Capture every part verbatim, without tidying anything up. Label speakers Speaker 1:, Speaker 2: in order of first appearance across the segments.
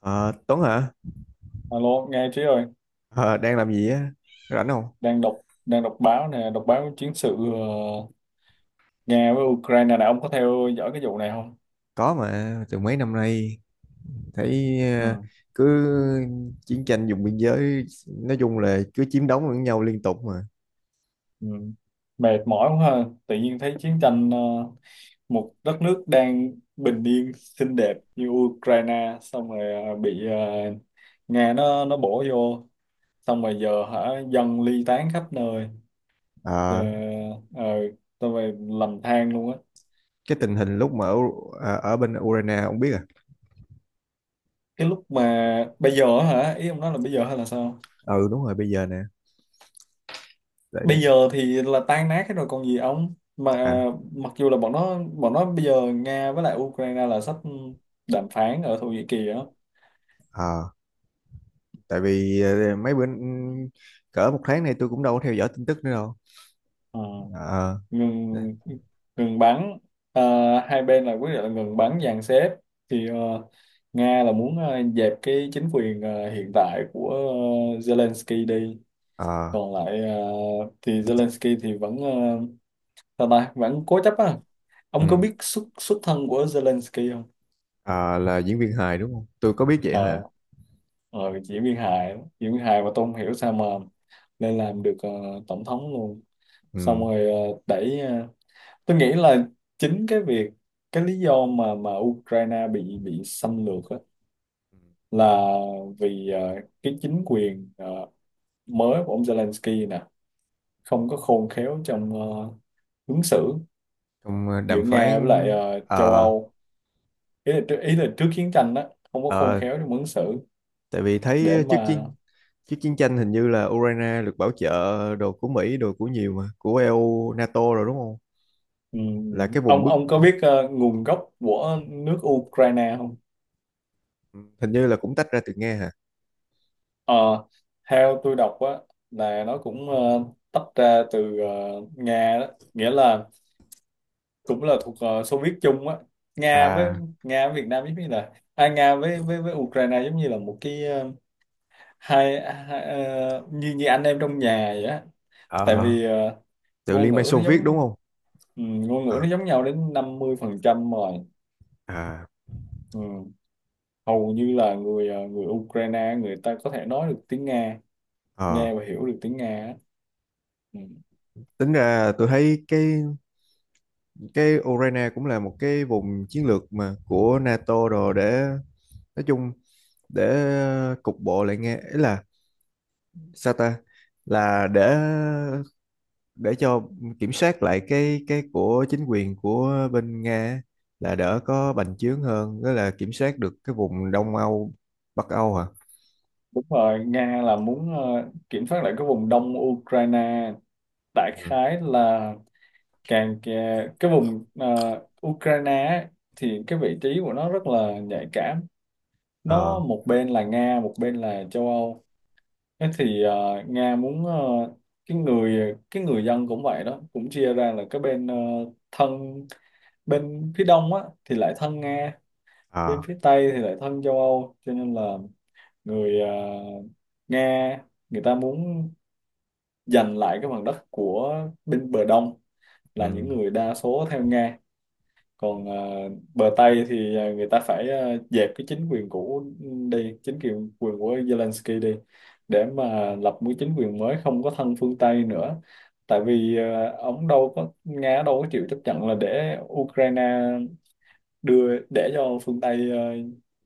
Speaker 1: Ờ, Tuấn hả?
Speaker 2: Alo, nghe Trí ơi,
Speaker 1: Ờ, đang làm gì á? Rảnh không?
Speaker 2: đang đọc đang đọc báo nè, đọc báo chiến sự, ờ, Nga với Ukraine nè. Ông có theo dõi cái vụ này không?
Speaker 1: Có mà, từ mấy năm nay thấy
Speaker 2: Ừ,
Speaker 1: ờ, cứ chiến tranh vùng biên giới, nói chung là cứ chiếm đóng lẫn nhau liên tục mà.
Speaker 2: ừ. Mệt mỏi quá ha, tự nhiên thấy chiến tranh, ờ, một đất nước đang bình yên xinh đẹp như Ukraine xong rồi ờ, bị, ờ, Nga nó nó bổ vô, xong rồi giờ hả, dân ly tán khắp nơi. Ờ,
Speaker 1: Ờ,
Speaker 2: ờ, xong rồi lầm than luôn á.
Speaker 1: cái tình hình lúc mà ở, ờ, ở bên Ukraine không biết à?
Speaker 2: Cái lúc mà bây giờ á hả, ý ông nói là bây giờ hay là sao?
Speaker 1: Ừ đúng rồi, bây giờ nè. Tại
Speaker 2: Bây giờ thì là tan nát hết rồi còn gì ông, mà
Speaker 1: à,
Speaker 2: mặc dù là bọn nó bọn nó bây giờ Nga với lại Ukraine là sắp đàm phán ở Thổ Nhĩ Kỳ á.
Speaker 1: ờ, tại vì ờ, mấy bữa, ừ, cỡ một tháng nay tôi cũng đâu có theo dõi tin tức nữa đâu.
Speaker 2: Ờ,
Speaker 1: Ờ, đấy.
Speaker 2: ngừng ngừng bắn. Ờ, hai bên là quyết định là ngừng bắn dàn xếp, thì ờ, Nga là muốn ờ, dẹp cái chính quyền ờ, hiện tại của ờ, Zelensky đi,
Speaker 1: Ờ,
Speaker 2: còn lại ờ, thì Zelensky thì vẫn ờ, sao ta, vẫn cố chấp á. Ông có
Speaker 1: ừ.
Speaker 2: biết xuất xuất thân của Zelensky không?
Speaker 1: Ờ, là diễn viên hài đúng không? Tôi có biết vậy
Speaker 2: Ờ,
Speaker 1: hả?
Speaker 2: ờ, Diễm Viên Hải, Diễm Viên Hải, mà tôi không hiểu sao mà lên làm được ờ, tổng thống luôn, xong
Speaker 1: Ừ.
Speaker 2: rồi ờ, đẩy, ờ, tôi nghĩ là chính cái việc, cái lý do mà mà Ukraine bị bị xâm lược á,
Speaker 1: Ừ.
Speaker 2: là vì ờ, cái chính quyền ờ, mới của ông Zelensky nè không có khôn khéo trong ờ, ứng xử
Speaker 1: Trong ờ,
Speaker 2: giữa
Speaker 1: đàm phán.
Speaker 2: Nga với lại ờ, châu
Speaker 1: ờ
Speaker 2: Âu. Ý là, trước- ý là trước chiến tranh đó không có khôn
Speaker 1: ờ,
Speaker 2: khéo trong ứng xử
Speaker 1: Tại vì
Speaker 2: để
Speaker 1: thấy trước
Speaker 2: mà…
Speaker 1: chiến trước chiến tranh hình như là Ukraine được bảo trợ đồ của Mỹ, đồ của nhiều, mà của e u NATO rồi đúng không?
Speaker 2: Ừ.
Speaker 1: Là cái vùng
Speaker 2: Ông
Speaker 1: bức,
Speaker 2: ông có biết ờ, nguồn gốc của nước Ukraine không?
Speaker 1: hình như là cũng tách ra từ Nga hả?
Speaker 2: Ờ, theo tôi đọc á, là nó cũng ờ, tách ra từ ờ, Nga đó, nghĩa là cũng là thuộc ờ, Xô Viết chung á. Nga với
Speaker 1: À,
Speaker 2: Nga với Việt Nam giống như là à, Nga với với với Ukraine giống như là một cái ờ, hai, hai ờ, như như anh em trong nhà vậy á. Tại
Speaker 1: ờ,
Speaker 2: vì ờ,
Speaker 1: từ
Speaker 2: ngôn
Speaker 1: Liên bang
Speaker 2: ngữ
Speaker 1: Xô
Speaker 2: nó
Speaker 1: Viết đúng
Speaker 2: giống
Speaker 1: không?
Speaker 2: ừ, ngôn ngữ nó
Speaker 1: À,
Speaker 2: giống nhau đến năm mươi phần trăm rồi.
Speaker 1: à,
Speaker 2: Ừ. Hầu như là người ờ, người Ukraine người ta có thể nói được tiếng Nga,
Speaker 1: ờ.
Speaker 2: nghe và hiểu được tiếng Nga á. Ừ.
Speaker 1: Tính ra tôi thấy cái cái Ukraine cũng là một cái vùng chiến lược mà của NATO rồi, để nói chung, để cục bộ lại nghe, ý là sao ta, là để để cho kiểm soát lại cái cái của chính quyền của bên Nga á, là đỡ có bành trướng hơn đó, là kiểm soát được cái vùng Đông Âu, Bắc Âu hả?
Speaker 2: Đúng rồi, Nga là muốn ờ, kiểm soát lại cái vùng đông Ukraine, đại
Speaker 1: Ừ.
Speaker 2: khái là càng kè- cái vùng ờ, Ukraine á, thì cái vị trí của nó rất là nhạy cảm, nó
Speaker 1: Ờ.
Speaker 2: một bên là Nga một bên là châu Âu. Thế thì ờ, Nga muốn ờ, cái người cái người dân cũng vậy đó cũng chia ra là cái bên ờ, thân, bên phía đông á thì lại thân Nga, bên
Speaker 1: À,
Speaker 2: phía Tây thì lại thân châu Âu, cho nên là người, à, Nga, người ta muốn giành lại cái phần đất của bên bờ Đông,
Speaker 1: ừ.
Speaker 2: là những người đa số theo Nga.
Speaker 1: Ừ.
Speaker 2: Còn à, bờ Tây thì à, người ta phải à, dẹp cái chính quyền cũ đi, chính quyền quyền của Zelensky đi, để mà lập một chính quyền mới không có thân phương Tây nữa. Tại vì à, ông đâu có, Nga đâu có chịu chấp nhận là để Ukraine đưa, để cho phương Tây ờ,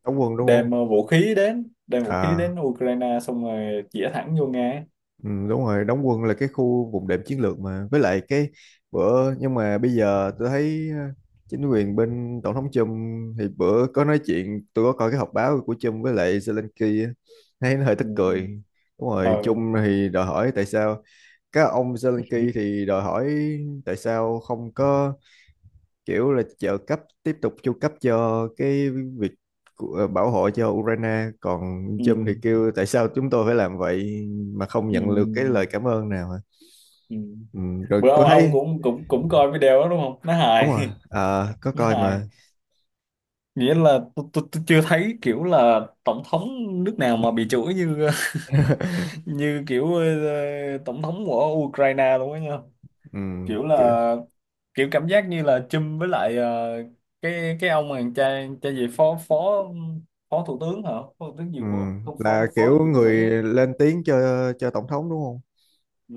Speaker 1: Đóng quân đúng không?
Speaker 2: đem ờ, vũ khí đến đem vũ khí
Speaker 1: À
Speaker 2: đến Ukraine xong rồi chĩa thẳng vô Nga ấy.
Speaker 1: ừ, đúng rồi, đóng quân là cái khu vùng đệm chiến lược mà, với lại cái bữa, nhưng mà bây giờ tôi thấy ờ, chính quyền bên tổng thống Trump thì bữa có nói chuyện, tôi có coi cái họp báo của Trump với lại Zelensky á, thấy nó hơi tức
Speaker 2: Ừ.
Speaker 1: cười.
Speaker 2: Ừ.
Speaker 1: Đúng
Speaker 2: Ờ.
Speaker 1: rồi, Trung thì đòi hỏi tại sao. Các ông Zelensky thì đòi hỏi tại sao không có kiểu là trợ cấp tiếp tục, chu cấp cho cái việc của- ờ, bảo hộ cho Ukraine, còn
Speaker 2: Ừ.
Speaker 1: Trump thì kêu tại sao chúng tôi phải làm vậy mà không nhận được cái lời
Speaker 2: Ừ.
Speaker 1: cảm ơn nào hả?
Speaker 2: Ừ.
Speaker 1: Ừ, rồi
Speaker 2: Bữa ông
Speaker 1: tôi
Speaker 2: ông
Speaker 1: thấy
Speaker 2: cũng cũng cũng coi video đó đúng không, nó
Speaker 1: đúng
Speaker 2: hài.
Speaker 1: rồi. À, có
Speaker 2: Nó
Speaker 1: coi
Speaker 2: hài,
Speaker 1: mà.
Speaker 2: nghĩa là tôi tôi tôi chưa thấy kiểu là tổng thống nước nào mà bị chửi như như kiểu ờ, tổng thống của Ukraine luôn á nha.
Speaker 1: ừ,
Speaker 2: Kiểu
Speaker 1: Kiểu,
Speaker 2: là, kiểu cảm giác như là chum với lại ờ, cái cái ông mà cha cha gì, phó phó phó thủ tướng hả, phó thủ tướng gì
Speaker 1: ừ,
Speaker 2: của, không,
Speaker 1: là
Speaker 2: phó phó
Speaker 1: kiểu
Speaker 2: gì của
Speaker 1: người
Speaker 2: Mỹ á.
Speaker 1: lên tiếng cho cho tổng thống đúng không?
Speaker 2: Ừ,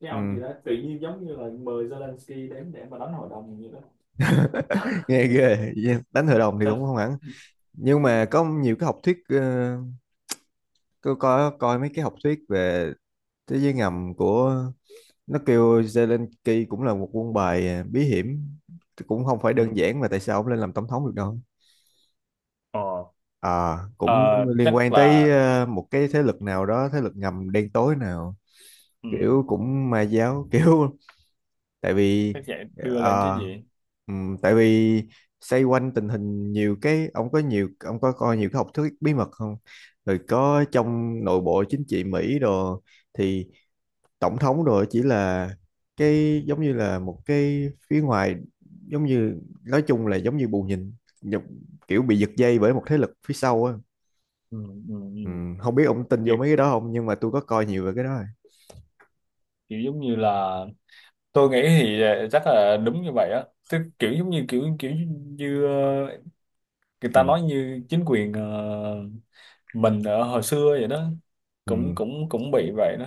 Speaker 2: cái
Speaker 1: Ừ,
Speaker 2: ông gì đó tự nhiên giống như là mời Zelensky đến để mà đánh hội đồng gì đó.
Speaker 1: nghe ghê. Đánh hội đồng thì
Speaker 2: Xong.
Speaker 1: cũng không hẳn, nhưng mà có nhiều cái học thuyết. ờ, Tôi có coi mấy cái học thuyết về thế giới ngầm của nó, kêu Zelensky cũng là một quân bài, à, bí hiểm, cũng không phải đơn
Speaker 2: Ừ.
Speaker 1: giản mà tại sao ông lên làm tổng thống được đâu.
Speaker 2: Ờ,
Speaker 1: À cũng
Speaker 2: ờ,
Speaker 1: liên
Speaker 2: chắc
Speaker 1: quan tới
Speaker 2: là,
Speaker 1: ờ, một cái thế lực nào đó, thế lực ngầm đen tối nào,
Speaker 2: ừ,
Speaker 1: kiểu cũng ma giáo kiểu. tại vì
Speaker 2: chắc vậy, đưa lên chứ
Speaker 1: ờ,
Speaker 2: gì.
Speaker 1: ừm, tại vì xoay quanh tình hình nhiều cái, ông có nhiều, ông có coi nhiều cái học thuyết bí mật không? Rồi có trong nội bộ chính trị Mỹ đồ, thì tổng thống rồi chỉ là cái, giống như là một cái phía ngoài, giống như nói chung là giống như bù nhìn, nhập- kiểu bị giật dây bởi một thế lực phía sau á.
Speaker 2: Ừ, ừ,
Speaker 1: Ừ,
Speaker 2: ừ.
Speaker 1: không biết ông tin vô
Speaker 2: Kiểu,
Speaker 1: mấy cái đó không nhưng mà tôi có coi nhiều về cái đó rồi.
Speaker 2: kiểu giống như là tôi nghĩ thì ờ, chắc là đúng như vậy á, tức kiểu giống như kiểu kiểu như ờ, người ta
Speaker 1: Ừ.
Speaker 2: nói, như chính quyền ờ, mình ở hồi xưa vậy đó, cũng
Speaker 1: Ừ.
Speaker 2: cũng cũng bị vậy đó.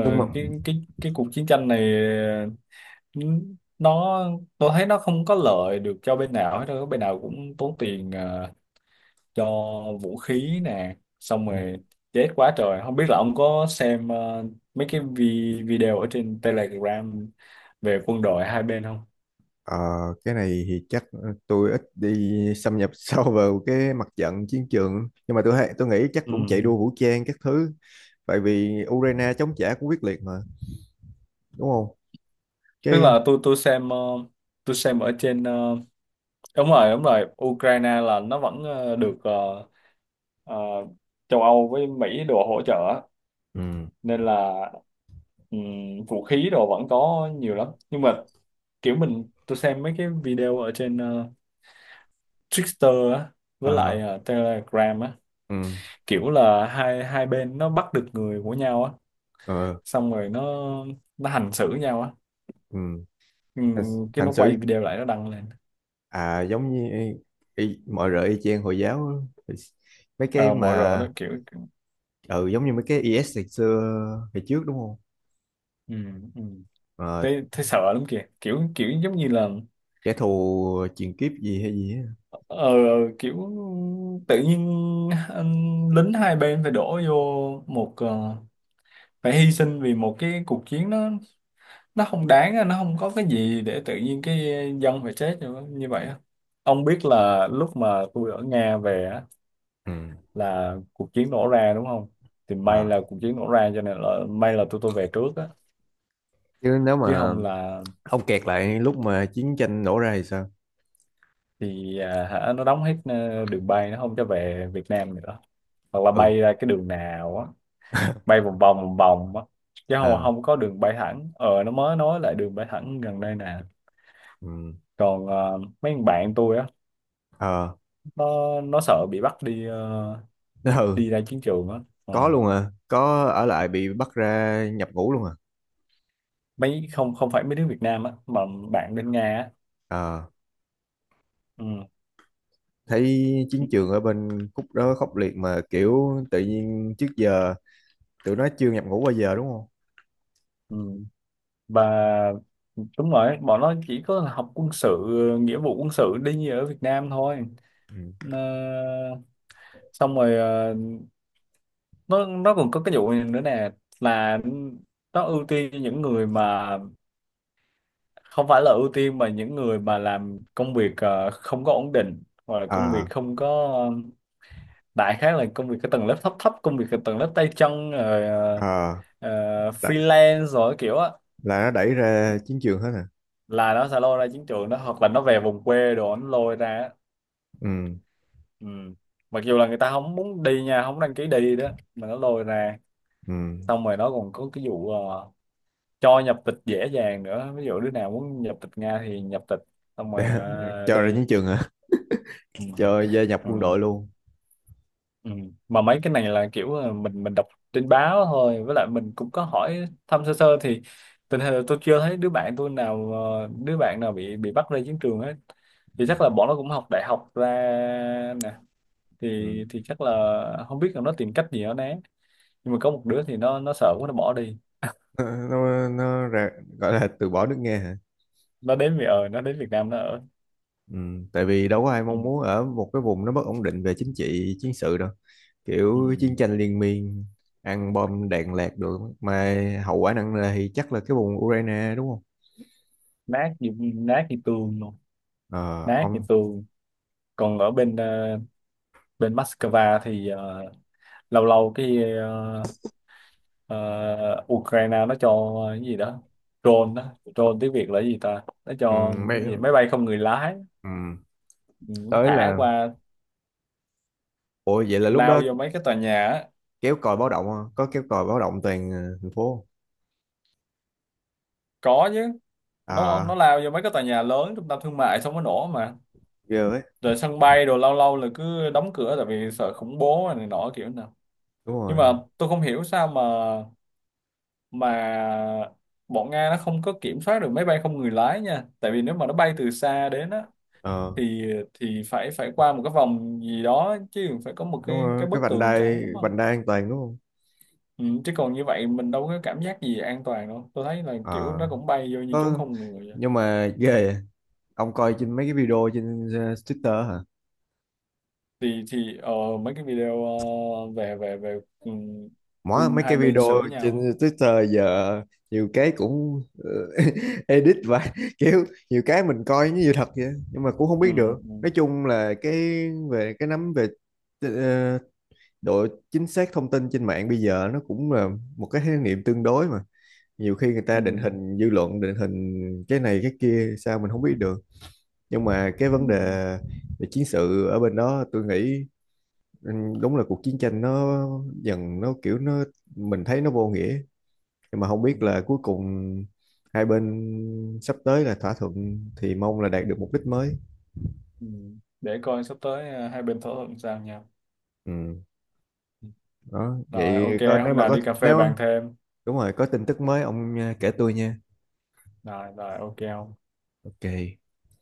Speaker 1: Nhưng mà
Speaker 2: cái cái cái cuộc chiến tranh này, ừ, nó tôi thấy nó không có lợi được cho bên nào hết đâu, bên nào cũng tốn tiền ờ, cho vũ khí nè, xong rồi chết quá trời. Không biết là ông có xem ờ, mấy cái vi- video ở trên Telegram về quân đội hai bên không?
Speaker 1: ờ, cái này thì chắc tôi ít đi xâm nhập sâu vào cái mặt trận chiến trường nhưng mà tôi hay- tôi nghĩ chắc
Speaker 2: Ừ.
Speaker 1: cũng chạy đua vũ trang các thứ. Tại vì Ukraine chống trả cũng quyết liệt mà, đúng không?
Speaker 2: Tức
Speaker 1: Cái
Speaker 2: là tôi tôi xem ờ, tôi xem ở trên, ờ, đúng rồi, đúng rồi, Ukraine là nó vẫn ờ, được, ờ, ờ, châu Âu với Mỹ đồ hỗ trợ á,
Speaker 1: ừ.
Speaker 2: nên là ừm, vũ khí đồ vẫn có nhiều lắm, nhưng mà kiểu mình tôi xem mấy cái video ở trên ờ, Twitter á với lại
Speaker 1: Ờ
Speaker 2: ờ, Telegram á,
Speaker 1: ừ.
Speaker 2: kiểu là hai hai bên nó bắt được người của nhau á,
Speaker 1: Ờ
Speaker 2: xong rồi nó nó hành xử nhau á.
Speaker 1: ừ. hành,
Speaker 2: Ừm, cái
Speaker 1: hành
Speaker 2: nó
Speaker 1: xử,
Speaker 2: quay video lại nó đăng lên.
Speaker 1: à giống như y, mọi rợ y chang hồi giáo á. Thì mấy cái
Speaker 2: Ờ, mọi người đó
Speaker 1: mà
Speaker 2: kiểu,
Speaker 1: ừ giống như mấy cái i ét ngày xưa ngày trước đúng không?
Speaker 2: ừm, ừm.
Speaker 1: Ờ,
Speaker 2: thấy thấy sợ lắm kìa, kiểu kiểu giống như là
Speaker 1: kẻ thù truyền kiếp gì hay gì á.
Speaker 2: ờ, kiểu tự nhiên anh- lính hai bên phải đổ vô một, ờ, phải hy sinh vì một cái cuộc chiến. Nó nó không đáng á, nó không có cái gì để tự nhiên cái dân phải chết như như vậy á. Ông biết là lúc mà tôi ở Nga về á,
Speaker 1: Ừ.
Speaker 2: là cuộc chiến nổ ra đúng không? Thì may
Speaker 1: Ờ.
Speaker 2: là cuộc chiến nổ ra cho nên là may là tôi tôi về trước á,
Speaker 1: Chứ nếu
Speaker 2: chứ
Speaker 1: mà
Speaker 2: không là
Speaker 1: ông kẹt lại lúc mà chiến tranh nổ ra thì sao?
Speaker 2: thì à, hả, nó đóng hết ờ, đường bay, nó không cho về Việt Nam nữa, hoặc là
Speaker 1: Ừ.
Speaker 2: bay ra cái đường nào á, bay vòng vòng vòng vòng á, chứ không
Speaker 1: À.
Speaker 2: không có đường bay thẳng. Ờ, nó mới nói lại đường bay thẳng gần đây nè.
Speaker 1: Ừ.
Speaker 2: Còn ờ, mấy thằng bạn tôi á,
Speaker 1: Ờ.
Speaker 2: nó nó sợ bị bắt đi ờ,
Speaker 1: Ừ.
Speaker 2: đi ra chiến trường á.
Speaker 1: Có
Speaker 2: Ờ.
Speaker 1: luôn à? Có ở lại bị bắt ra nhập ngũ luôn à?
Speaker 2: Mấy, không không phải mấy đứa Việt Nam á, mà bạn bên Nga á.
Speaker 1: Ờ,
Speaker 2: Ừ.
Speaker 1: thấy chiến trường ở bên khúc đó khốc liệt mà, kiểu tự nhiên trước giờ tụi nó chưa nhập ngũ bao giờ đúng không?
Speaker 2: Ừ. Và đúng rồi, bọn nó chỉ có học quân sự, nghĩa vụ quân sự đi như ở Việt Nam thôi.
Speaker 1: Ừ.
Speaker 2: Ờ, xong rồi ờ, nó nó còn có cái vụ này nữa nè, là nó ưu tiên cho những người mà, không phải là ưu tiên mà những người mà làm công việc ờ, không có ổn định, hoặc là công việc
Speaker 1: À.
Speaker 2: không có ờ, đại khái là công việc cái tầng lớp thấp thấp, công việc cái tầng lớp tay chân rồi ờ,
Speaker 1: À.
Speaker 2: ờ,
Speaker 1: là,
Speaker 2: freelance rồi kiểu á,
Speaker 1: là nó đẩy ra chiến trường hết à?
Speaker 2: là nó sẽ lôi ra chiến trường đó, hoặc là nó về vùng quê đồ nó lôi ra á.
Speaker 1: Ừ.
Speaker 2: Ừ. Mặc dù là người ta không muốn đi nha, không đăng ký đi đó mà nó lôi ra.
Speaker 1: Ừ.
Speaker 2: Xong rồi nó còn có cái vụ ờ, cho nhập tịch dễ dàng nữa, ví dụ đứa nào muốn nhập tịch Nga thì nhập tịch xong rồi
Speaker 1: Để,
Speaker 2: ờ,
Speaker 1: cho ra
Speaker 2: đi.
Speaker 1: chiến trường hả?
Speaker 2: Ừ.
Speaker 1: Cho gia nhập
Speaker 2: Ừ.
Speaker 1: quân đội luôn.
Speaker 2: Ừ. Mà mấy cái này là kiểu là mình mình đọc trên báo thôi, với lại mình cũng có hỏi thăm sơ sơ, thì tình hình là tôi chưa thấy đứa bạn tôi nào ờ, đứa bạn nào bị bị bắt ra chiến trường hết, thì
Speaker 1: Ừ.
Speaker 2: chắc là bọn nó cũng học đại học ra nè, thì
Speaker 1: Ừ.
Speaker 2: thì chắc là không biết là nó tìm cách gì nó né. Nhưng mà có một đứa thì nó nó sợ quá nó bỏ đi,
Speaker 1: nó nó, nó ra, gọi là từ bỏ nước nghe hả?
Speaker 2: nó đến Việt ở nó đến Việt Nam nó ở.
Speaker 1: Ừ. Tại vì đâu có ai
Speaker 2: Ừ.
Speaker 1: mong muốn ở một cái vùng nó bất ổn định về chính trị, chiến sự đâu.
Speaker 2: Ừ.
Speaker 1: Kiểu chiến tranh liên miên, ăn bom đạn lạc được mà, hậu quả nặng nề thì chắc là cái vùng Ukraine đúng không?
Speaker 2: nát như nát như tường luôn,
Speaker 1: Ờ,
Speaker 2: nát như
Speaker 1: ông.
Speaker 2: tường. Còn ở bên ờ, bên Moscow thì ờ, lâu lâu cái ờ, ờ, Ukraine nó cho cái gì đó, drone đó drone tiếng Việt là cái gì ta, nó
Speaker 1: ừ,
Speaker 2: cho
Speaker 1: Mấy,
Speaker 2: cái gì, máy bay không người lái.
Speaker 1: ừ,
Speaker 2: Ừ, nó
Speaker 1: tới
Speaker 2: thả
Speaker 1: là.
Speaker 2: qua,
Speaker 1: Ủa vậy là lúc
Speaker 2: lao
Speaker 1: đó
Speaker 2: vô mấy cái tòa nhà á.
Speaker 1: kéo còi báo động hả? Có kéo còi báo động toàn ờ, thành phố.
Speaker 2: Có chứ, nó nó
Speaker 1: À.
Speaker 2: lao vô mấy cái tòa nhà lớn, trung tâm thương mại xong nó nổ mà,
Speaker 1: Ghê ấy.
Speaker 2: rồi sân bay, rồi lâu lâu là cứ đóng cửa tại vì sợ khủng bố này nọ kiểu nào.
Speaker 1: Đúng
Speaker 2: Nhưng mà
Speaker 1: rồi.
Speaker 2: tôi không hiểu sao mà mà bọn Nga nó không có kiểm soát được máy bay không người lái nha, tại vì nếu mà nó bay từ xa đến á,
Speaker 1: Ờ.
Speaker 2: thì thì phải phải qua một cái vòng gì đó chứ, phải có một
Speaker 1: Đúng
Speaker 2: cái
Speaker 1: rồi,
Speaker 2: cái
Speaker 1: cái
Speaker 2: bức
Speaker 1: vành
Speaker 2: tường
Speaker 1: đai
Speaker 2: trắng, đúng không?
Speaker 1: vành đai an toàn đúng không?
Speaker 2: Ừ, chứ còn như vậy mình đâu có cảm giác gì an toàn đâu, tôi thấy là kiểu
Speaker 1: Ờ.
Speaker 2: nó cũng bay vô như trốn
Speaker 1: Có.
Speaker 2: không người vậy.
Speaker 1: Nhưng mà ghê vậy. Ông coi trên mấy cái video trên ờ, Twitter hả?
Speaker 2: Thì thì ờ, mấy cái video ờ, về về về ừ,
Speaker 1: Mỗi
Speaker 2: quân
Speaker 1: mấy
Speaker 2: hai
Speaker 1: cái
Speaker 2: bên
Speaker 1: video
Speaker 2: xử
Speaker 1: trên
Speaker 2: nhau á.
Speaker 1: Twitter giờ nhiều cái cũng ờ, edit và kiểu nhiều cái mình coi như sự thật vậy nhưng mà cũng không
Speaker 2: Ừ,
Speaker 1: biết được.
Speaker 2: ừ,
Speaker 1: Nói chung là cái về cái nắm về ờ, độ chính xác thông tin trên mạng bây giờ nó cũng là một cái khái niệm tương đối mà, nhiều khi người ta định
Speaker 2: ừ,
Speaker 1: hình dư luận, định hình cái này cái kia sao mình không biết được. Nhưng mà cái
Speaker 2: ừ,
Speaker 1: vấn đề về chiến sự ở bên đó tôi nghĩ, ừ, đúng là cuộc chiến tranh nó dần, nó kiểu, nó mình thấy nó vô nghĩa, nhưng mà không
Speaker 2: ừ.
Speaker 1: biết là cuối cùng hai bên sắp tới là thỏa thuận thì mong là đạt được mục đích mới.
Speaker 2: Ừ. Để coi sắp tới ờ, hai bên thỏa thuận sao nhau.
Speaker 1: Ừ,
Speaker 2: Ừ.
Speaker 1: đó
Speaker 2: Rồi ok,
Speaker 1: vậy, có nếu
Speaker 2: hôm
Speaker 1: mà
Speaker 2: nào
Speaker 1: có
Speaker 2: đi cà phê
Speaker 1: nếu.
Speaker 2: bàn thêm.
Speaker 1: Đúng rồi, có tin tức mới ông à, kể tôi nha.
Speaker 2: Rồi rồi, ok không?
Speaker 1: Ok.